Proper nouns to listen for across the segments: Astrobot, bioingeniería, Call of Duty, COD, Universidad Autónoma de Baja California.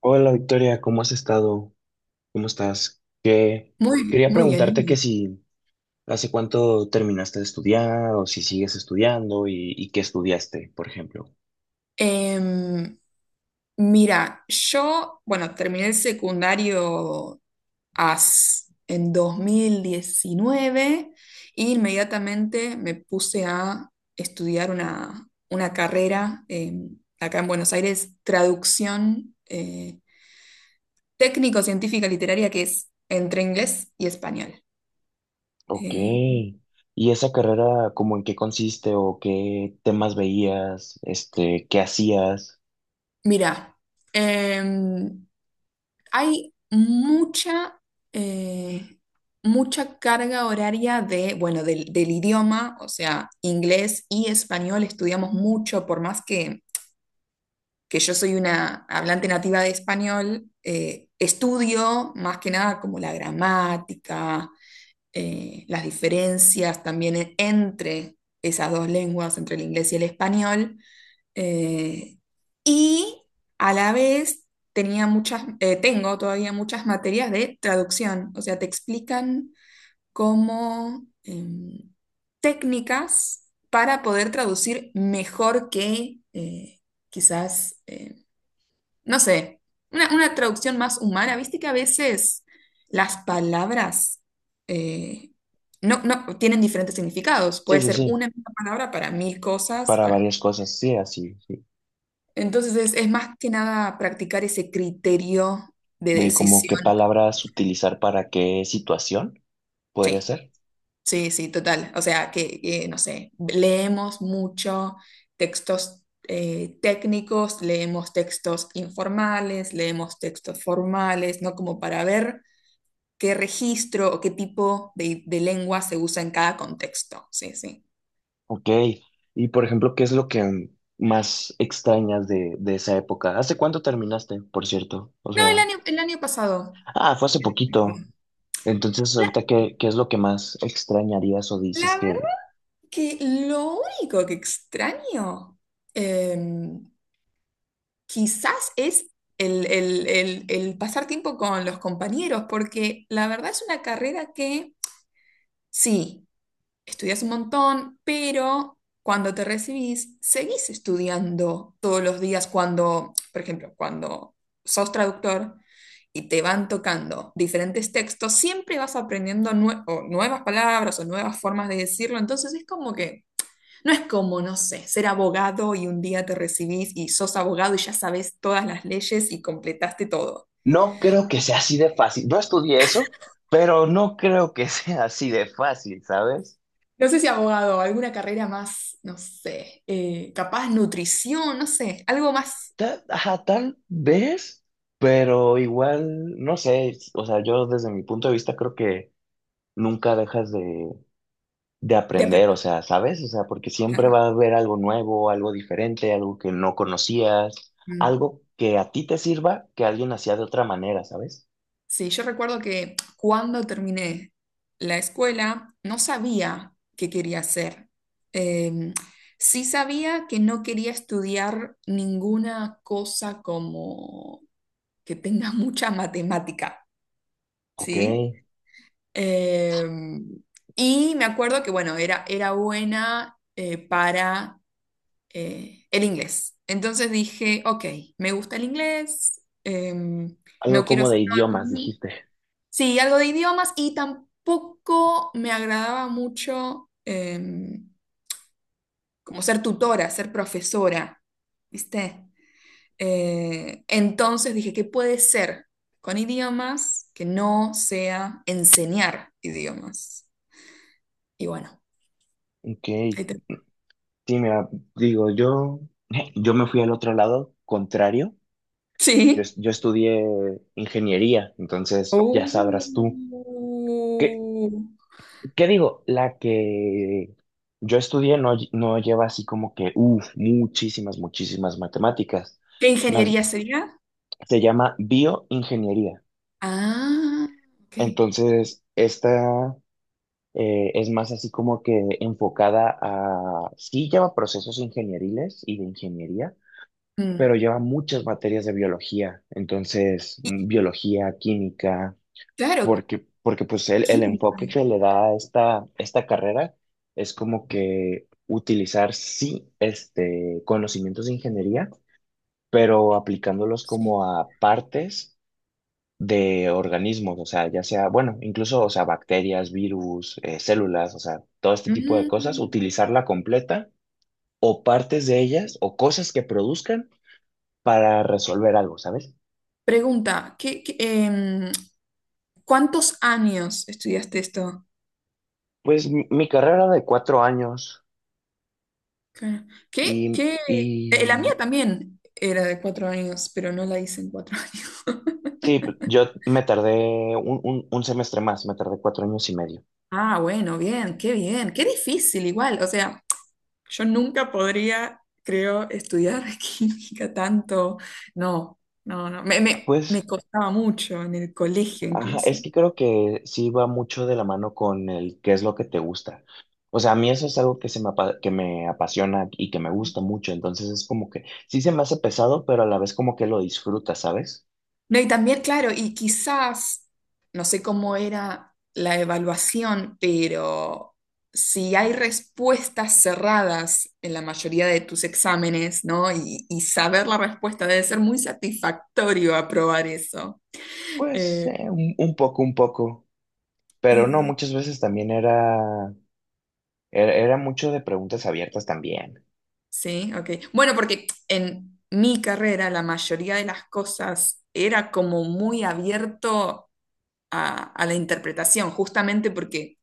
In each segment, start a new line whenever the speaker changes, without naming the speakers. Hola Victoria, ¿cómo has estado? ¿Cómo estás? Que
Muy,
quería
muy bien. Muy
preguntarte que
bien.
si hace cuánto terminaste de estudiar o si sigues estudiando y qué estudiaste, por ejemplo.
Em, mira, bueno, terminé el secundario AS en 2019 e inmediatamente me puse a estudiar una carrera acá en Buenos Aires, traducción técnico-científica literaria, que es entre inglés y español.
Ok.
Eh,
¿Y esa carrera, como en qué consiste o qué temas veías, este, qué hacías?
mira, em, Hay eh, mucha carga horaria de, bueno, del idioma, o sea, inglés y español estudiamos mucho, por más que yo soy una hablante nativa de español, estudio más que nada como la gramática, las diferencias también entre esas dos lenguas, entre el inglés y el español. Eh, y a la vez tenía muchas, tengo todavía muchas materias de traducción, o sea, te explican cómo técnicas para poder traducir mejor que quizás, no sé, una traducción más humana. Viste que a veces las palabras eh, no tienen diferentes significados.
Sí,
Puede
sí,
ser
sí,
una misma palabra para mil cosas.
para
Bueno,
varias cosas, sí, así, sí.
entonces es más que nada practicar ese criterio de
De como qué
decisión.
palabras utilizar para qué situación podría
Sí,
ser.
sí, sí, total. O sea, no sé, leemos mucho textos técnicos, leemos textos informales, leemos textos formales, ¿no? Como para ver qué registro o qué tipo de lengua se usa en cada contexto. Sí, sí.
Ok, y por ejemplo, ¿qué es lo que más extrañas de esa época? ¿Hace cuánto terminaste, por cierto? O
No,
sea,
el año pasado.
ah, fue hace poquito. Entonces,
La,
ahorita, ¿qué, qué es lo que más extrañarías o dices
la verdad
que
que lo único que extraño... em, quizás es el pasar tiempo con los compañeros, porque la verdad es una carrera que sí, estudias un montón, pero cuando te recibís, seguís estudiando todos los días cuando, por ejemplo, cuando sos traductor. Y te van tocando diferentes textos, siempre vas aprendiendo nue- o nuevas palabras o nuevas formas de decirlo, entonces es como que no es como, no sé, ser abogado y un día te recibís y sos abogado y ya sabes todas las leyes y completaste todo.
no creo que sea así de fácil? No estudié eso, pero no creo que sea así de fácil, ¿sabes?
No sé si abogado, alguna carrera más, no sé, capaz nutrición, no sé, algo más
Ta- ajá, tal vez, pero igual, no sé, o sea, yo desde mi punto de vista creo que nunca dejas de
de
aprender, o
aprender.
sea, ¿sabes? O sea, porque siempre va a haber algo nuevo, algo diferente, algo que no conocías,
Mm.
algo que a ti te sirva, que alguien hacía de otra manera, ¿sabes?
Sí, yo recuerdo que cuando terminé la escuela no sabía qué quería hacer. Em, sí sabía que no quería estudiar ninguna cosa como que tenga mucha matemática,
Ok,
¿sí? Eh, y me acuerdo que, bueno, era buena para el inglés. Entonces dije, ok, me gusta el inglés, no
algo
quiero
como
hacer
de
nada
idiomas,
con...
dijiste.
Sí, algo de idiomas y tampoco me agradaba mucho como ser tutora, ser profesora, ¿viste? Entonces dije, ¿qué puede ser con idiomas que no sea enseñar idiomas? Y bueno.
Ok, sí,
Ahí.
mira, digo, yo, yo me fui al otro lado, contrario, yo,
Sí.
es- yo estudié ingeniería, entonces ya
Oh.
sabrás tú. ¿Qué, ¿qué digo? La que yo estudié no, lle- no lleva así como que, uff, muchísimas, muchísimas matemáticas.
¿Qué
Más,
ingeniería sería?
se llama bioingeniería.
Ah, ok.
Entonces, esta es más así como que enfocada a, sí lleva procesos ingenieriles y de ingeniería,
Mm.
pero lleva muchas materias de biología. Entonces,
Y
mm, biología, química
claro,
porque, porque pues el
química,
enfoque que le da a esta, esta carrera es como que utilizar sí este, conocimientos de ingeniería, pero aplicándolos
sí.
como a partes de organismos, o sea, ya sea, bueno, incluso, o sea, bacterias, virus, células, o sea, todo este tipo de cosas,
Mm.
utilizarla completa o partes de ellas o cosas que produzcan para resolver algo, ¿sabes?
Pregunta, ¿cuántos años estudiaste esto?
Pues mi carrera de 4 años
Claro. ¿Qué, qué? La
y
mía también era de 4 años, pero no la hice en cuatro años.
sí, p- yo me tardé un semestre más, me tardé 4 años y medio.
Ah, bueno, bien, qué difícil igual, o sea. Yo nunca podría, creo, estudiar química tanto. No, no, no. Me
Pues,
costaba mucho en el colegio
ajá,
incluso.
es que creo que sí va mucho de la mano con el qué es lo que te gusta. O sea, a mí eso es algo que, se me, apa- que me apasiona y que me gusta mucho. Entonces es como que sí se me hace pesado, pero a la vez como que lo disfrutas, ¿sabes?
No, y también, claro, y quizás, no sé cómo era la evaluación, pero si hay respuestas cerradas en la mayoría de tus exámenes, ¿no? Y saber la respuesta debe ser muy satisfactorio aprobar eso.
Pues
Eh,
un poco, un poco. Pero no,
eh,
muchas veces también era, era, era mucho de preguntas abiertas también.
Sí ok. Bueno, porque en mi carrera la mayoría de las cosas era como muy abierto a la interpretación, justamente porque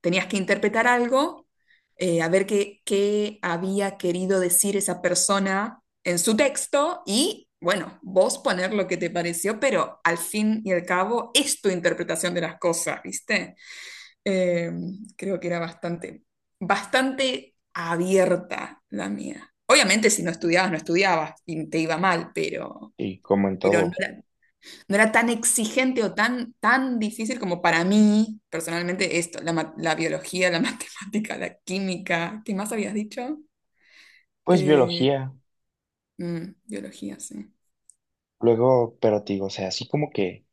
tenías que interpretar algo, a ver qué había querido decir esa persona en su texto y, bueno, vos poner lo que te pareció, pero al fin y al cabo es tu interpretación de las cosas, ¿viste? Eh, creo que era bastante abierta la mía. Obviamente, si no estudiabas, no estudiabas y te iba mal, pero,
Y como en
no
todo,
era, tan exigente o tan, difícil como para mí, personalmente, esto, la, la biología, la matemática, la química. ¿Qué más habías dicho?
pues
Eh,
biología.
biología, sí.
Luego, pero te digo, o sea, así como que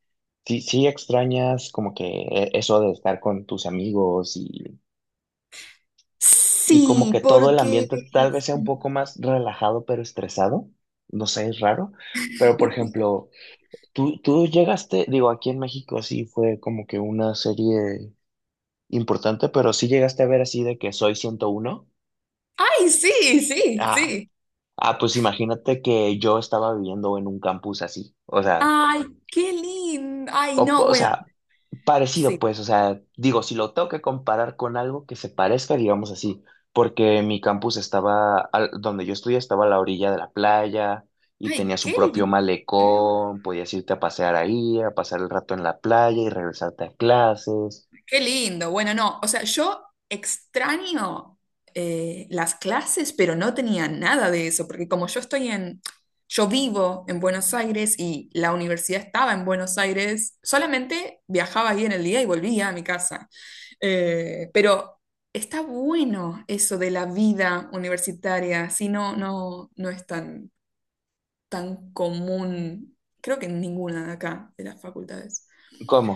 sí, sí extrañas como que e- eso de estar con tus amigos y como
Sí,
que todo el
porque...
ambiente tal vez sea un poco más relajado pero estresado. No sé, es raro. Pero por ejemplo, tú llegaste, digo, aquí en México sí fue como que una serie importante, pero sí llegaste a ver así de que soy 101.
¡Ay, sí, sí,
Ah,
sí!
ah, pues imagínate que yo estaba viviendo en un campus así.
¡Ay, qué lindo! ¡Ay, no!
O
Bueno,
sea, parecido,
sí.
pues, o sea, digo, si lo tengo que comparar con algo que se parezca, digamos así, porque mi campus estaba, al- donde yo estudié, estaba a la orilla de la playa y
Ay,
tenía su propio malecón, podías irte a pasear ahí, a pasar el rato en la playa y regresarte a clases.
qué lindo. Bueno, no, o sea, yo extraño las clases, pero no tenía nada de eso, porque como yo vivo en Buenos Aires y la universidad estaba en Buenos Aires, solamente viajaba ahí en el día y volvía a mi casa. Pero está bueno eso de la vida universitaria, si no, no es tan, común, creo que en ninguna de acá, de las facultades.
¿Cómo?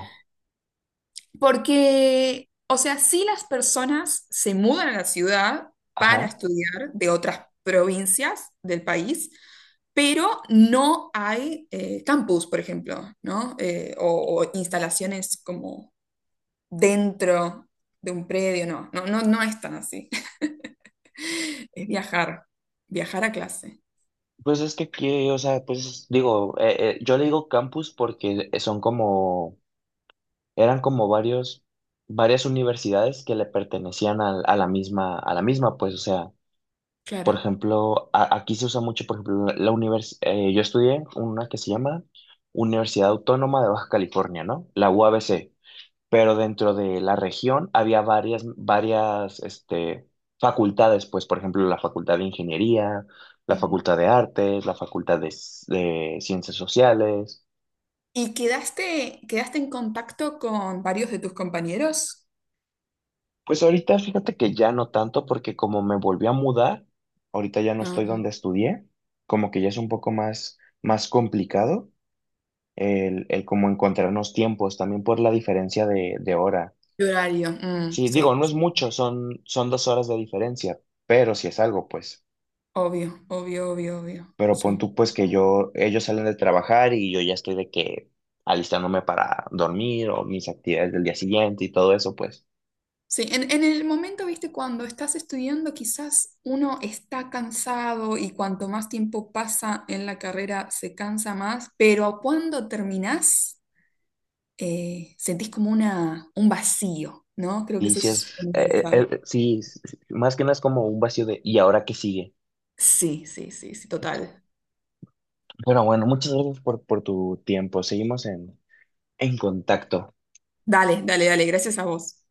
Porque, o sea, sí las personas se mudan a la ciudad para
Ajá.
estudiar de otras provincias del país, pero no hay campus, por ejemplo, ¿no? O instalaciones como dentro de un predio, no, no, no, no es tan así. Es viajar, a clase,
Pues es que aquí, o sea, pues digo, yo le digo campus porque son como, eran como varios, varias universidades que le pertenecían al- a la misma, pues, o sea. Por
claro.
ejemplo, a- aquí se usa mucho, por ejemplo, la univers- yo estudié una que se llama Universidad Autónoma de Baja California, ¿no? La UABC. Pero dentro de la región había varias, varias, este, facultades, pues, por ejemplo, la Facultad de Ingeniería, la
Mm.
Facultad de Artes, la Facultad de, S- de Ciencias Sociales.
¿Y quedaste, en contacto con varios de tus compañeros?
Pues ahorita fíjate que ya no tanto, porque como me volví a mudar, ahorita ya no estoy donde
Ah,
estudié, como que ya es un poco más, más complicado. El cómo encontrarnos tiempos, también por la diferencia de hora.
de horario, mm,
Sí, digo,
sí.
no es
Sí.
mucho, son, son 2 horas de diferencia, pero si es algo, pues.
Obvio, obvio, obvio, obvio.
Pero pon
Sí.
tú, pues, que yo, ellos salen de trabajar y yo ya estoy de que alistándome para dormir o mis actividades del día siguiente y todo eso, pues.
Sí, en, el momento, viste, cuando estás estudiando, quizás uno está cansado y cuanto más tiempo pasa en la carrera se cansa más, pero cuando terminás, sentís como un vacío, ¿no? Creo que
Y
eso
si
es
es,
universal.
sí, s- s- más que nada es como un vacío de, ¿y ahora qué sigue?
Sí, sí, sí, sí, total.
Pero bueno, muchas gracias por tu tiempo. Seguimos en contacto.
Dale, dale, dale, gracias a vos.